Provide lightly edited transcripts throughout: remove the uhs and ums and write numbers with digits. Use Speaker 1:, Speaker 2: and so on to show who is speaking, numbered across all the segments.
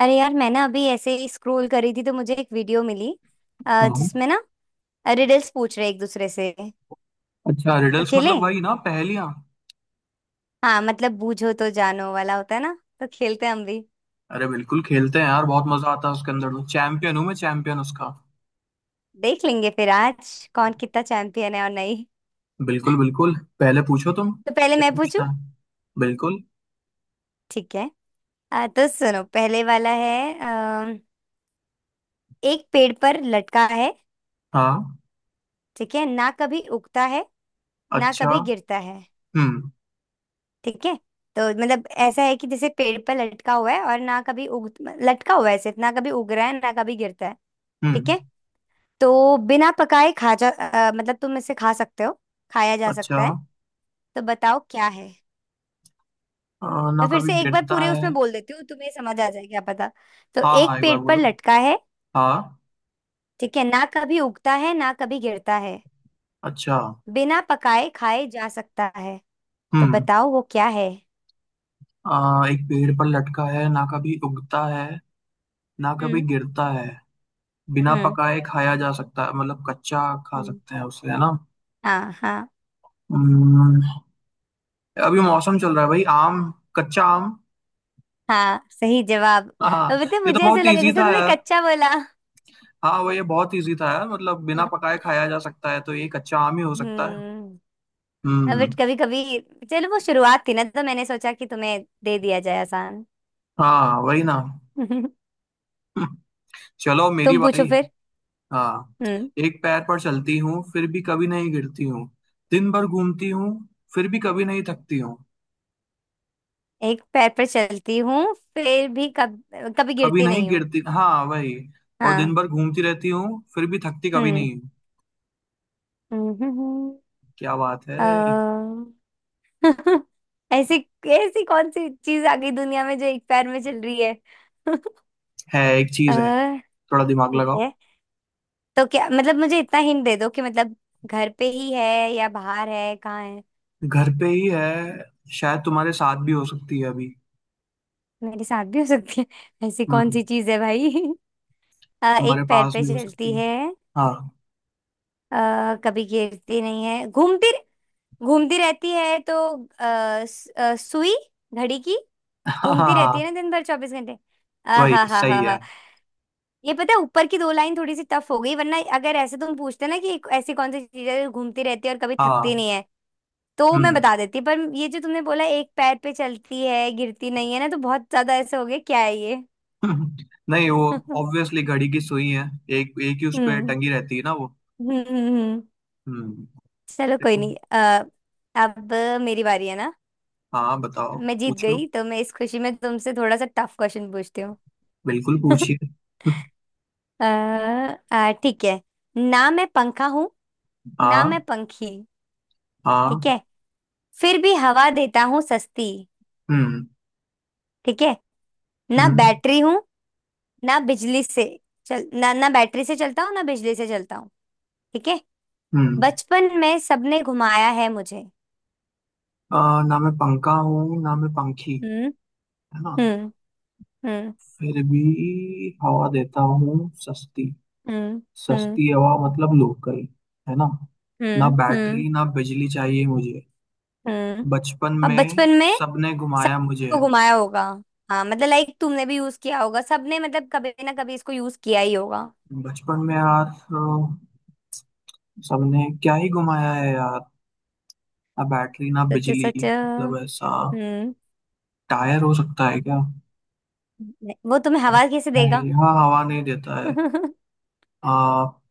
Speaker 1: अरे यार, मैं ना अभी ऐसे ही स्क्रॉल करी थी तो मुझे एक वीडियो मिली
Speaker 2: हाँ।
Speaker 1: जिसमें ना रिडल्स पूछ रहे एक दूसरे से। तो
Speaker 2: अच्छा, रिडल्स
Speaker 1: खेले।
Speaker 2: मतलब वही ना, पहेलियाँ।
Speaker 1: हाँ, मतलब बूझो तो जानो वाला होता है ना। तो खेलते हैं हम भी।
Speaker 2: अरे बिल्कुल खेलते हैं यार, बहुत मजा आता है उसके अंदर। तो चैंपियन हूँ मैं, चैंपियन उसका।
Speaker 1: देख लेंगे फिर आज कौन कितना चैंपियन है और नहीं।
Speaker 2: बिल्कुल बिल्कुल, पहले पूछो तुम।
Speaker 1: तो पहले
Speaker 2: क्या
Speaker 1: मैं पूछूं।
Speaker 2: पूछना है। बिल्कुल।
Speaker 1: ठीक है। तो सुनो, पहले वाला है एक पेड़ पर लटका है,
Speaker 2: हाँ।
Speaker 1: ठीक है? ना कभी उगता है, ना
Speaker 2: अच्छा।
Speaker 1: कभी गिरता है।
Speaker 2: हम्म।
Speaker 1: ठीक है? तो मतलब ऐसा है कि जैसे पेड़ पर लटका हुआ है और ना कभी उग लटका हुआ है सिर्फ, ना कभी उग रहा है, ना कभी गिरता है। ठीक
Speaker 2: हम्म।
Speaker 1: है? तो बिना पकाए मतलब तुम इसे खा सकते हो, खाया जा
Speaker 2: अच्छा।
Speaker 1: सकता है। तो बताओ क्या है।
Speaker 2: अ, ना
Speaker 1: मैं फिर
Speaker 2: कभी
Speaker 1: से एक बार
Speaker 2: गिरता
Speaker 1: पूरे उसमें
Speaker 2: है।
Speaker 1: बोल देती हूँ, तुम्हें समझ आ जाए क्या पता। तो
Speaker 2: हाँ
Speaker 1: एक
Speaker 2: हाँ, एक बार
Speaker 1: पेड़ पर
Speaker 2: बोलो।
Speaker 1: लटका है,
Speaker 2: हाँ।
Speaker 1: ठीक है? ना कभी उगता है, ना कभी गिरता है,
Speaker 2: अच्छा।
Speaker 1: बिना पकाए खाए जा सकता है। तो
Speaker 2: हम्म।
Speaker 1: बताओ वो क्या है।
Speaker 2: एक पेड़ पर लटका है, ना कभी उगता है, ना कभी
Speaker 1: हम्म।
Speaker 2: गिरता है। बिना
Speaker 1: हम्म।
Speaker 2: पकाए खाया जा सकता है मतलब कच्चा। खा
Speaker 1: हम्म।
Speaker 2: सकते हैं उसे, है ना।
Speaker 1: हाँ, हाँ,
Speaker 2: हम्म। अभी मौसम चल रहा है भाई, आम, कच्चा आम।
Speaker 1: हाँ, सही जवाब।
Speaker 2: हाँ।
Speaker 1: अब तो
Speaker 2: ये तो
Speaker 1: मुझे ऐसे
Speaker 2: बहुत
Speaker 1: लगे
Speaker 2: इजी
Speaker 1: जैसे
Speaker 2: था
Speaker 1: तुमने
Speaker 2: यार।
Speaker 1: कच्चा बोला।
Speaker 2: हाँ भाई, ये बहुत इजी था यार। मतलब बिना पकाए खाया जा सकता है तो ये कच्चा आम ही हो सकता है।
Speaker 1: हम्म। अब
Speaker 2: हम्म।
Speaker 1: कभी कभी। चलो, वो शुरुआत थी ना तो मैंने सोचा कि तुम्हें दे दिया जाए आसान।
Speaker 2: हाँ वही ना। चलो मेरी
Speaker 1: तुम पूछो
Speaker 2: बारी।
Speaker 1: फिर।
Speaker 2: हाँ।
Speaker 1: हम्म।
Speaker 2: एक पैर पर चलती हूँ फिर भी कभी नहीं गिरती हूँ। दिन भर घूमती हूँ फिर भी कभी नहीं थकती हूँ।
Speaker 1: एक पैर पर चलती हूँ, फिर भी कब कभी
Speaker 2: कभी
Speaker 1: गिरती
Speaker 2: नहीं
Speaker 1: नहीं हूँ।
Speaker 2: गिरती, हाँ वही। और दिन
Speaker 1: हाँ।
Speaker 2: भर घूमती रहती हूँ फिर भी थकती कभी
Speaker 1: हम्म।
Speaker 2: नहीं हूँ। क्या बात है।
Speaker 1: हम्म, अ, ऐसी ऐसी कौन सी चीज आ गई दुनिया में जो एक पैर में चल रही है?
Speaker 2: है, एक
Speaker 1: अ,
Speaker 2: चीज है। थोड़ा दिमाग
Speaker 1: ठीक
Speaker 2: लगाओ।
Speaker 1: है। तो क्या मतलब, मुझे इतना हिंट दे दो कि मतलब घर पे ही है या बाहर है, कहाँ है?
Speaker 2: घर पे ही है। शायद तुम्हारे साथ भी हो सकती है अभी।
Speaker 1: मेरे साथ भी हो सकती है? ऐसी कौन
Speaker 2: हम्म।
Speaker 1: सी चीज है भाई?
Speaker 2: तुम्हारे
Speaker 1: एक पैर
Speaker 2: पास
Speaker 1: पे
Speaker 2: भी हो
Speaker 1: चलती
Speaker 2: सकती है।
Speaker 1: है,
Speaker 2: हाँ।
Speaker 1: कभी गिरती नहीं है, घूमती घूमती रहती है तो सुई, घड़ी की। घूमती रहती है
Speaker 2: हाँ,
Speaker 1: ना दिन भर 24 घंटे। आ
Speaker 2: वही
Speaker 1: हा हा हा
Speaker 2: सही है।
Speaker 1: हा। ये पता है, ऊपर की दो लाइन थोड़ी सी टफ हो गई, वरना अगर ऐसे तुम पूछते ना कि एक ऐसी कौन सी चीज है जो घूमती रहती है और कभी थकती
Speaker 2: हाँ।
Speaker 1: नहीं है, तो मैं
Speaker 2: हम्म।
Speaker 1: बता देती। पर ये जो तुमने बोला एक पैर पे चलती है गिरती नहीं है ना, तो बहुत ज्यादा ऐसे हो गया, क्या है ये?
Speaker 2: नहीं, वो
Speaker 1: हम्म।
Speaker 2: ऑब्वियसली घड़ी की सुई है। एक एक ही उस पे
Speaker 1: हम्म।
Speaker 2: टंगी रहती है ना वो।
Speaker 1: हम्म,
Speaker 2: हम्म।
Speaker 1: चलो कोई
Speaker 2: देखो।
Speaker 1: नहीं। अब मेरी बारी है ना।
Speaker 2: हाँ बताओ।
Speaker 1: मैं जीत
Speaker 2: पूछो,
Speaker 1: गई तो मैं इस खुशी में तुमसे थोड़ा सा टफ क्वेश्चन पूछती हूँ।
Speaker 2: बिल्कुल पूछिए।
Speaker 1: अ, ठीक है। ना मैं पंखा हूँ, ना मैं
Speaker 2: हाँ।
Speaker 1: पंखी।
Speaker 2: हाँ।
Speaker 1: ठीक है? फिर भी हवा देता हूँ सस्ती।
Speaker 2: हम्म।
Speaker 1: ठीक है? ना
Speaker 2: हम्म।
Speaker 1: बैटरी हूँ, ना बिजली से चल ना ना बैटरी से चलता हूँ ना बिजली से चलता हूँ। ठीक है?
Speaker 2: हम्म।
Speaker 1: बचपन में सबने घुमाया है मुझे।
Speaker 2: ना मैं पंखा हूँ ना मैं पंखी,
Speaker 1: हम्म।
Speaker 2: है ना।
Speaker 1: हम्म। हम्म।
Speaker 2: फिर भी हवा देता हूँ सस्ती।
Speaker 1: हम्म। हम्म।
Speaker 2: सस्ती हवा मतलब लोकल, है ना। ना
Speaker 1: हम्म। हम्म।
Speaker 2: बैटरी ना बिजली चाहिए मुझे।
Speaker 1: हम्म।
Speaker 2: बचपन
Speaker 1: अब
Speaker 2: में
Speaker 1: बचपन में
Speaker 2: सबने घुमाया
Speaker 1: सबने
Speaker 2: मुझे।
Speaker 1: इसको घुमाया होगा। हाँ मतलब, लाइक, तुमने भी यूज किया होगा, सबने मतलब कभी ना कभी इसको यूज किया ही होगा।
Speaker 2: बचपन में यार, सबने क्या ही घुमाया है यार। ना बैटरी ना
Speaker 1: सच
Speaker 2: बिजली
Speaker 1: सच। हम्म।
Speaker 2: मतलब, ऐसा टायर हो सकता है क्या।
Speaker 1: नहीं, वो तुम्हें हवा कैसे देगा?
Speaker 2: नहीं, हाँ, हवा नहीं देता है। आ,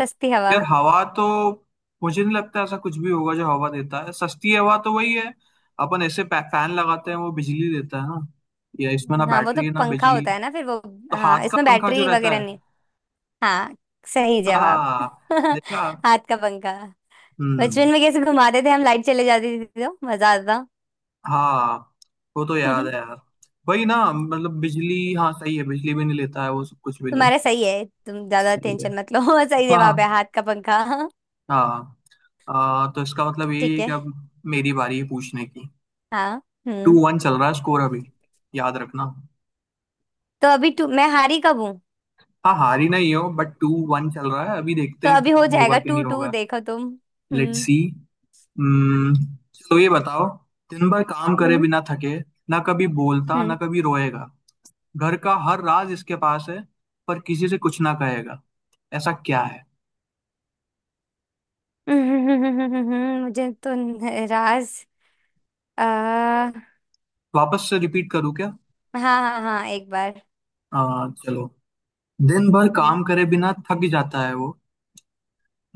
Speaker 1: सस्ती हवा।
Speaker 2: यार हवा तो, मुझे नहीं लगता ऐसा कुछ भी होगा जो हवा देता है। सस्ती हवा तो वही है। अपन ऐसे फैन लगाते हैं वो बिजली देता है ना, या इसमें ना
Speaker 1: हाँ वो तो
Speaker 2: बैटरी है ना
Speaker 1: पंखा
Speaker 2: बिजली।
Speaker 1: होता है ना फिर वो।
Speaker 2: तो
Speaker 1: हाँ,
Speaker 2: हाथ का
Speaker 1: इसमें
Speaker 2: पंखा जो
Speaker 1: बैटरी
Speaker 2: रहता
Speaker 1: वगैरह
Speaker 2: है।
Speaker 1: नहीं। हाँ, सही जवाब।
Speaker 2: हाँ। देखा।
Speaker 1: हाथ का पंखा।
Speaker 2: हम्म।
Speaker 1: बचपन में कैसे घुमाते थे हम, लाइट चले जाती थी तो मजा आता था।
Speaker 2: हाँ, वो तो याद है यार। वही ना, मतलब बिजली, हाँ सही है, बिजली भी नहीं लेता है वो, सब कुछ भी नहीं।
Speaker 1: तुम्हारा सही है, तुम ज्यादा
Speaker 2: सही है।
Speaker 1: टेंशन मत लो। सही
Speaker 2: हाँ।
Speaker 1: जवाब है, हाथ का पंखा।
Speaker 2: हाँ। तो इसका मतलब ये
Speaker 1: ठीक
Speaker 2: है कि
Speaker 1: है।
Speaker 2: अब मेरी बारी है पूछने की।
Speaker 1: हाँ।
Speaker 2: टू
Speaker 1: हम्म।
Speaker 2: वन चल रहा है स्कोर अभी, याद रखना।
Speaker 1: तो अभी टू मैं हारी कब हूँ?
Speaker 2: हाँ, हारी नहीं हो, बट टू वन चल रहा है अभी, देखते
Speaker 1: तो
Speaker 2: हैं
Speaker 1: अभी हो
Speaker 2: टू होगा
Speaker 1: जाएगा
Speaker 2: कि
Speaker 1: टू
Speaker 2: नहीं
Speaker 1: टू
Speaker 2: होगा।
Speaker 1: देखो तुम।
Speaker 2: लेट्स
Speaker 1: हम्म।
Speaker 2: सी। हम्म, चलो ये बताओ, दिन भर काम करे
Speaker 1: हम्म।
Speaker 2: बिना थके, ना कभी बोलता ना
Speaker 1: हम्म।
Speaker 2: कभी रोएगा, घर का हर राज इसके पास है, पर किसी से कुछ ना कहेगा, ऐसा क्या है।
Speaker 1: हम्म। मुझे तो राज, आ,
Speaker 2: वापस से रिपीट करूँ क्या।
Speaker 1: हाँ हाँ हाँ, एक बार।
Speaker 2: चलो, दिन भर
Speaker 1: हम्म।
Speaker 2: काम करे बिना थक जाता है वो,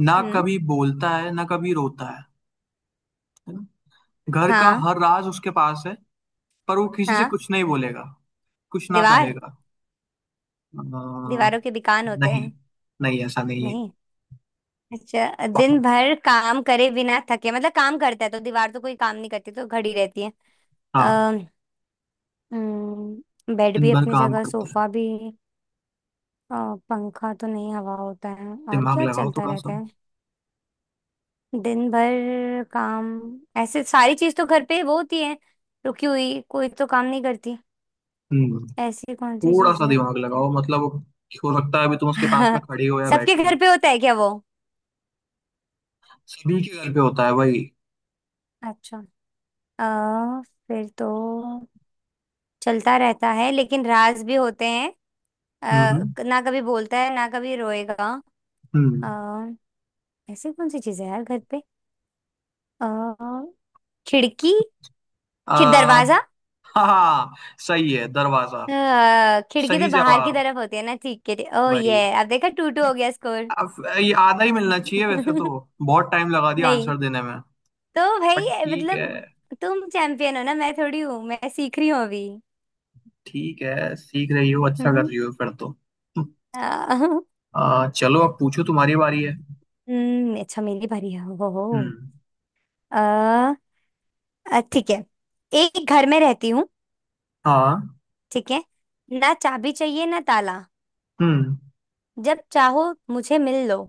Speaker 2: ना
Speaker 1: हम्म।
Speaker 2: कभी बोलता है ना कभी रोता है ना? घर का
Speaker 1: हाँ।
Speaker 2: हर राज उसके पास है, पर वो किसी से
Speaker 1: हाँ।
Speaker 2: कुछ नहीं बोलेगा, कुछ ना
Speaker 1: दीवार।
Speaker 2: कहेगा। आ,
Speaker 1: दीवारों के दुकान होते
Speaker 2: नहीं,
Speaker 1: हैं?
Speaker 2: नहीं ऐसा नहीं है।
Speaker 1: नहीं। अच्छा, दिन भर काम करे बिना थके मतलब काम करता है, तो दीवार तो कोई काम नहीं करती, तो खड़ी रहती है।
Speaker 2: हाँ।
Speaker 1: अः बेड
Speaker 2: दिन
Speaker 1: भी
Speaker 2: भर
Speaker 1: अपनी
Speaker 2: काम
Speaker 1: जगह,
Speaker 2: करता है।
Speaker 1: सोफा भी। अ, पंखा तो नहीं, हवा होता है। और
Speaker 2: दिमाग
Speaker 1: क्या
Speaker 2: लगाओ
Speaker 1: चलता
Speaker 2: थोड़ा सा।
Speaker 1: रहता है? दिन भर काम। ऐसे सारी चीज तो घर पे वो होती है, रुकी हुई। कोई तो काम नहीं करती।
Speaker 2: हम्म।
Speaker 1: ऐसी कौन सी
Speaker 2: थोड़ा
Speaker 1: चीज
Speaker 2: सा
Speaker 1: है?
Speaker 2: दिमाग लगाओ मतलब, हो सकता है अभी तुम उसके पास में खड़ी हो या
Speaker 1: सबके
Speaker 2: बैठी
Speaker 1: घर
Speaker 2: हो।
Speaker 1: पे होता है क्या वो?
Speaker 2: सभी के घर पे होता है भाई।
Speaker 1: अच्छा अ, फिर तो चलता रहता है लेकिन राज भी होते हैं। अ,
Speaker 2: हम्म।
Speaker 1: ना कभी बोलता है ना कभी रोएगा। अ,
Speaker 2: हम्म।
Speaker 1: ऐसी कौन सी चीज है यार घर पे? अ, खिड़की,
Speaker 2: आ।
Speaker 1: खिड़ दरवाजा।
Speaker 2: हाँ, सही है दरवाजा।
Speaker 1: खिड़की तो
Speaker 2: सही
Speaker 1: बाहर की
Speaker 2: जवाब।
Speaker 1: तरफ होती है ना। ठीक है। ओ
Speaker 2: भाई,
Speaker 1: ये, अब देखा, टू टू हो गया स्कोर।
Speaker 2: अब ये आधा ही मिलना चाहिए वैसे तो। बहुत टाइम लगा दिया
Speaker 1: नहीं,
Speaker 2: आंसर देने में,
Speaker 1: तो भाई
Speaker 2: बट
Speaker 1: ये
Speaker 2: ठीक
Speaker 1: मतलब
Speaker 2: है।
Speaker 1: तुम चैंपियन हो ना, मैं थोड़ी हूँ, मैं सीख रही हूँ अभी।
Speaker 2: ठीक है, सीख रही हो, अच्छा कर
Speaker 1: हम्म,
Speaker 2: रही हो फिर तो।
Speaker 1: अ,
Speaker 2: चलो अब पूछो, तुम्हारी बारी है।
Speaker 1: अच्छा मेरी बारी है, हो हो।
Speaker 2: हम्म।
Speaker 1: अ, ठीक है। एक घर में रहती हूँ,
Speaker 2: हाँ।
Speaker 1: ठीक है? ना चाबी चाहिए ना ताला,
Speaker 2: हम्म।
Speaker 1: जब चाहो मुझे मिल लो।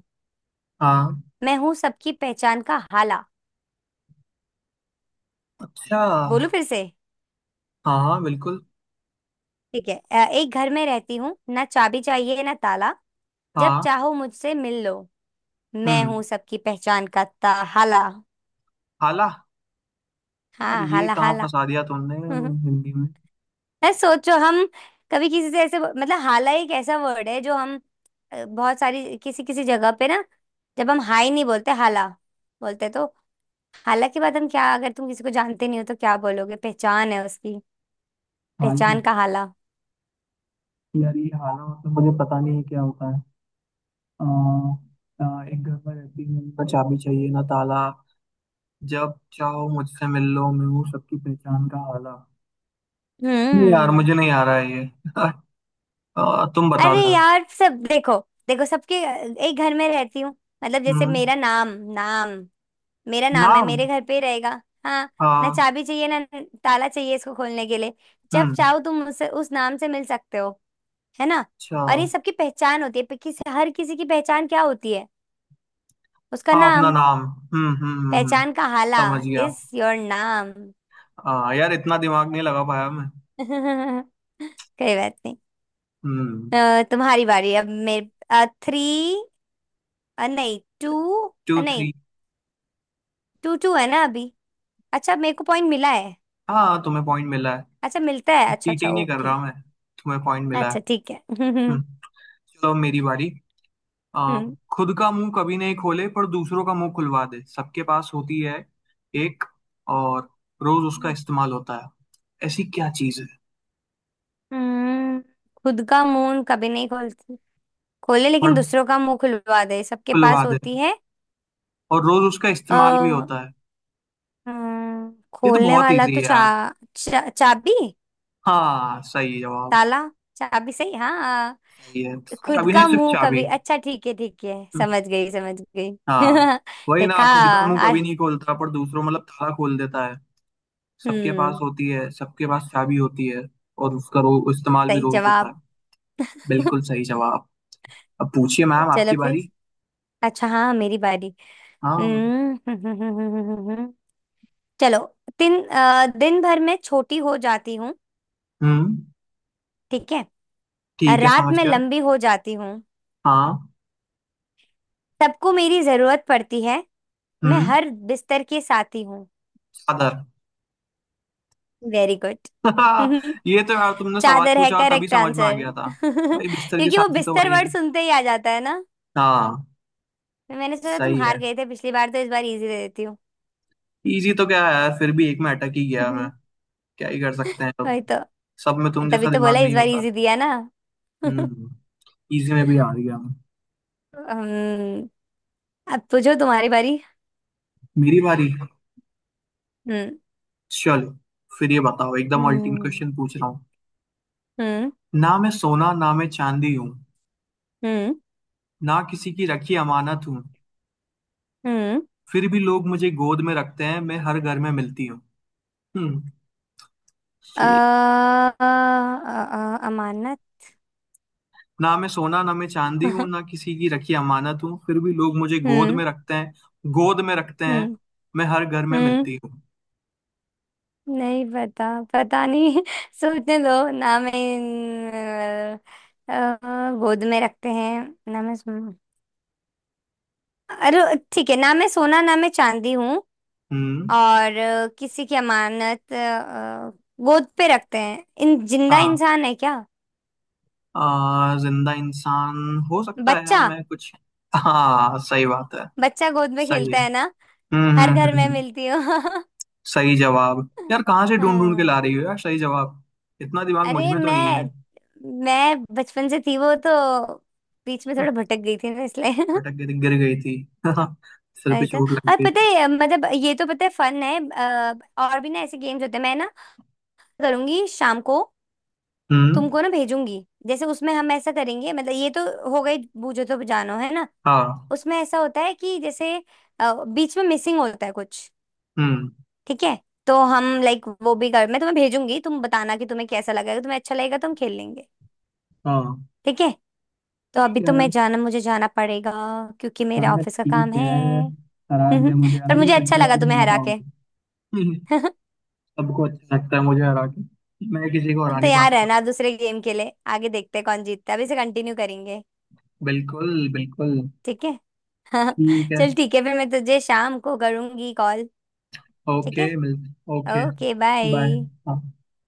Speaker 2: हाँ।
Speaker 1: मैं हूँ सबकी पहचान का हाला।
Speaker 2: अच्छा।
Speaker 1: बोलू फिर से।
Speaker 2: हाँ हाँ बिल्कुल।
Speaker 1: ठीक है। एक घर में रहती हूँ, ना चाबी चाहिए ना ताला। जब
Speaker 2: हाँ।
Speaker 1: चाहो मुझसे मिल लो। मैं
Speaker 2: हम्म।
Speaker 1: हूँ सबकी पहचान का ता हाला।
Speaker 2: हाला। यार
Speaker 1: हाँ,
Speaker 2: ये
Speaker 1: हाला,
Speaker 2: कहाँ
Speaker 1: हाला।
Speaker 2: फंसा दिया तुमने, हिंदी में।
Speaker 1: अरे सोचो, हम कभी किसी से ऐसे मतलब, हाला एक ऐसा वर्ड है जो हम बहुत सारी किसी किसी जगह पे ना, जब हम हाय नहीं बोलते, हाला बोलते। तो हाला के बाद हम क्या, अगर तुम किसी को जानते नहीं हो तो क्या बोलोगे पहचान है उसकी?
Speaker 2: हाला।
Speaker 1: पहचान का हाला।
Speaker 2: यार ये हाला मतलब मुझे पता नहीं है क्या होता है। आ, आ, एक घर पर रहती हूँ, ना चाबी चाहिए ना ताला, जब चाहो मुझसे मिल लो, मैं हूँ सबकी पहचान का हाला। नहीं यार,
Speaker 1: हम्म।
Speaker 2: मुझे नहीं आ रहा है ये। तुम बता
Speaker 1: अरे
Speaker 2: दो यार।
Speaker 1: यार, सब देखो। देखो, सबके एक घर में रहती हूँ मतलब जैसे
Speaker 2: हम्म।
Speaker 1: मेरा नाम, मेरा नाम है,
Speaker 2: नाम।
Speaker 1: मेरे घर पे ही रहेगा। हाँ। ना
Speaker 2: हाँ।
Speaker 1: चाबी चाहिए ना ताला चाहिए इसको खोलने के लिए। जब
Speaker 2: हम्म।
Speaker 1: चाहो तुम उससे उस नाम से मिल सकते हो, है ना?
Speaker 2: अच्छा।
Speaker 1: और ये सबकी पहचान होती है पे- किसी हर किसी की पहचान क्या होती है? उसका
Speaker 2: हाँ अपना
Speaker 1: नाम।
Speaker 2: नाम। हम्म।
Speaker 1: पहचान का हाला,
Speaker 2: समझ गया।
Speaker 1: इज योर नाम।
Speaker 2: हाँ यार, इतना दिमाग नहीं लगा पाया मैं।
Speaker 1: कोई बात नहीं।
Speaker 2: हम्म।
Speaker 1: तुम्हारी बारी, अब मेरे थ्री, नहीं टू,
Speaker 2: टू
Speaker 1: नहीं,
Speaker 2: थ्री।
Speaker 1: टू टू है ना अभी। अच्छा, मेरे को पॉइंट मिला है?
Speaker 2: हाँ तुम्हें पॉइंट मिला है।
Speaker 1: अच्छा मिलता है, अच्छा अच्छा,
Speaker 2: चीटिंग नहीं कर
Speaker 1: ओके।
Speaker 2: रहा मैं, तुम्हें पॉइंट मिला है।
Speaker 1: अच्छा ठीक है। हम्म।
Speaker 2: हम्म, चलो अब मेरी बारी। आ, खुद का मुंह कभी नहीं खोले, पर दूसरों का मुंह खुलवा दे, सबके पास होती है एक, और रोज उसका इस्तेमाल होता है। ऐसी क्या चीज है।
Speaker 1: हम्म। खुद का मुंह कभी नहीं खोलती, खोले,
Speaker 2: पर
Speaker 1: लेकिन दूसरों का मुंह खुलवा दे, सबके
Speaker 2: खुलवा
Speaker 1: पास
Speaker 2: दे,
Speaker 1: होती है।
Speaker 2: और रोज उसका इस्तेमाल भी
Speaker 1: आ,
Speaker 2: होता है। ये तो
Speaker 1: खोलने
Speaker 2: बहुत
Speaker 1: वाला
Speaker 2: इजी
Speaker 1: तो
Speaker 2: है यार।
Speaker 1: चा, चा, चाबी।
Speaker 2: हाँ सही जवाब।
Speaker 1: ताला, चाबी, सही, हाँ।
Speaker 2: सही है।
Speaker 1: खुद
Speaker 2: चाबी, नहीं
Speaker 1: का
Speaker 2: सिर्फ
Speaker 1: मुंह
Speaker 2: चाबी।
Speaker 1: कभी, अच्छा ठीक है ठीक है,
Speaker 2: हम्म।
Speaker 1: समझ गई समझ गई।
Speaker 2: हाँ। वही ना,
Speaker 1: देखा।
Speaker 2: खुद का मुंह कभी नहीं खोलता पर दूसरों मतलब ताला खोल देता है। सबके पास
Speaker 1: हम्म।
Speaker 2: होती है, सबके पास चाबी होती है। और उसका इस्तेमाल भी
Speaker 1: सही
Speaker 2: रोज होता
Speaker 1: जवाब।
Speaker 2: है। बिल्कुल सही जवाब। अब पूछिए मैम,
Speaker 1: चलो
Speaker 2: आपकी
Speaker 1: फिर।
Speaker 2: बारी।
Speaker 1: अच्छा हाँ, मेरी बारी।
Speaker 2: हाँ।
Speaker 1: हम्म, चलो। दिन भर में छोटी हो जाती हूँ।
Speaker 2: हम्म।
Speaker 1: ठीक है?
Speaker 2: ठीक है
Speaker 1: रात
Speaker 2: समझ
Speaker 1: में
Speaker 2: गया।
Speaker 1: लंबी हो जाती हूँ।
Speaker 2: हाँ।
Speaker 1: सबको मेरी जरूरत पड़ती है। मैं
Speaker 2: हम्म।
Speaker 1: हर बिस्तर की साथी हूँ।
Speaker 2: चादर।
Speaker 1: Very good.
Speaker 2: ये तो यार तुमने सवाल
Speaker 1: चादर है
Speaker 2: पूछा तभी
Speaker 1: करेक्ट
Speaker 2: समझ में आ
Speaker 1: आंसर।
Speaker 2: गया था। भाई, बिस्तर की
Speaker 1: क्योंकि वो
Speaker 2: साथी तो
Speaker 1: बिस्तर
Speaker 2: वही
Speaker 1: वर्ड
Speaker 2: है।
Speaker 1: सुनते ही आ जाता है ना।
Speaker 2: हाँ।
Speaker 1: मैंने सोचा तुम
Speaker 2: सही
Speaker 1: हार
Speaker 2: है।
Speaker 1: गए थे पिछली बार, तो इस बार इजी दे देती हूँ।
Speaker 2: इजी तो क्या है यार, फिर भी एक में अटक ही गया मैं। क्या ही कर सकते हैं अब।
Speaker 1: वही तो,
Speaker 2: सब में तुम
Speaker 1: तभी
Speaker 2: जैसा
Speaker 1: तो बोला
Speaker 2: दिमाग
Speaker 1: इस
Speaker 2: नहीं
Speaker 1: बार
Speaker 2: होता।
Speaker 1: इजी दिया ना।
Speaker 2: हम्म। इजी में भी आ गया मैं।
Speaker 1: अम्म, अब पूछो, तुम्हारी बारी।
Speaker 2: मेरी बारी।
Speaker 1: हम्म।
Speaker 2: चलो फिर ये बताओ, एकदम अल्टीमेट
Speaker 1: हम्म।
Speaker 2: क्वेश्चन पूछ रहा हूँ।
Speaker 1: हम्म।
Speaker 2: ना मैं सोना ना मैं चांदी हूँ,
Speaker 1: हम्म।
Speaker 2: ना किसी की रखी अमानत हूँ,
Speaker 1: हम्म।
Speaker 2: फिर भी लोग मुझे गोद में रखते हैं, मैं हर घर में मिलती हूँ। हम्म। ये,
Speaker 1: अमानत।
Speaker 2: ना मैं सोना ना मैं चांदी हूँ, ना किसी की रखी अमानत हूँ, फिर भी लोग मुझे गोद
Speaker 1: हम्म।
Speaker 2: में रखते हैं, गोद में रखते हैं,
Speaker 1: हम्म।
Speaker 2: मैं हर घर में
Speaker 1: हम्म।
Speaker 2: मिलती हूँ।
Speaker 1: नहीं पता, पता नहीं। सोचने दो ना, मैं गोद में रखते हैं। ना मैं सो- अरे ठीक है, ना मैं सोना ना मैं चांदी हूँ,
Speaker 2: हम्म।
Speaker 1: और किसी की अमानत। गोद पे रखते हैं, इन जिंदा
Speaker 2: हाँ।
Speaker 1: इंसान है क्या?
Speaker 2: जिंदा इंसान हो सकता है यार,
Speaker 1: बच्चा,
Speaker 2: मैं कुछ, हाँ सही बात है।
Speaker 1: बच्चा गोद में
Speaker 2: सही है।
Speaker 1: खेलता है ना।
Speaker 2: हम्म
Speaker 1: हर
Speaker 2: हम्म
Speaker 1: घर
Speaker 2: हम्म
Speaker 1: में
Speaker 2: हम्म।
Speaker 1: मिलती हूँ।
Speaker 2: सही जवाब यार, कहाँ से ढूंढ ढूंढ के
Speaker 1: हाँ।
Speaker 2: ला रही हो यार, सही जवाब। इतना दिमाग मुझ
Speaker 1: अरे
Speaker 2: में तो नहीं है।
Speaker 1: मैं बचपन से थी वो तो, बीच में
Speaker 2: हम्म,
Speaker 1: थोड़ा भटक गई थी ना इसलिए।
Speaker 2: पटक गई थी, गिर गई थी, सिर पे
Speaker 1: आया था।
Speaker 2: चोट लग
Speaker 1: और
Speaker 2: गई
Speaker 1: पता
Speaker 2: थी।
Speaker 1: है, मतलब ये तो पता है फन है। और भी ना ऐसे गेम्स होते हैं, मैं ना करूंगी शाम को,
Speaker 2: हम्म।
Speaker 1: तुमको ना भेजूंगी, जैसे उसमें हम ऐसा करेंगे मतलब ये तो हो गई बूझो तो जानो है ना।
Speaker 2: हाँ।
Speaker 1: उसमें ऐसा होता है कि जैसे बीच में मिसिंग होता है कुछ।
Speaker 2: हम्म।
Speaker 1: ठीक है? तो हम लाइक वो भी कर, मैं तुम्हें भेजूंगी, तुम बताना कि तुम्हें कैसा लगेगा, तुम्हें अच्छा लगेगा तो हम खेल लेंगे।
Speaker 2: हाँ
Speaker 1: ठीक है। तो अभी
Speaker 2: ठीक
Speaker 1: तो
Speaker 2: है।
Speaker 1: मैं जाना, मुझे जाना पड़ेगा, क्योंकि मेरा
Speaker 2: हाँ
Speaker 1: ऑफिस का काम
Speaker 2: ठीक है,
Speaker 1: है।
Speaker 2: हरा दिया मुझे
Speaker 1: पर
Speaker 2: आज,
Speaker 1: मुझे
Speaker 2: बट
Speaker 1: अच्छा
Speaker 2: अगली बार
Speaker 1: लगा
Speaker 2: नहीं
Speaker 1: तुम्हें
Speaker 2: हरा
Speaker 1: हरा के।
Speaker 2: पाऊंगा। हम्म, सबको अच्छा लगता है मुझे हरा के, मैं किसी को
Speaker 1: तो
Speaker 2: हरा नहीं
Speaker 1: तैयार
Speaker 2: पाता।
Speaker 1: रहना दूसरे गेम के लिए, आगे देखते हैं कौन जीतता है, अभी से कंटिन्यू करेंगे।
Speaker 2: बिल्कुल बिल्कुल।
Speaker 1: ठीक है।
Speaker 2: ठीक है।
Speaker 1: चल ठीक है फिर, मैं तुझे शाम को करूंगी कॉल। ठीक
Speaker 2: ओके
Speaker 1: है।
Speaker 2: मिलते, ओके।
Speaker 1: Okay,
Speaker 2: bye.
Speaker 1: बाय।
Speaker 2: हाँ।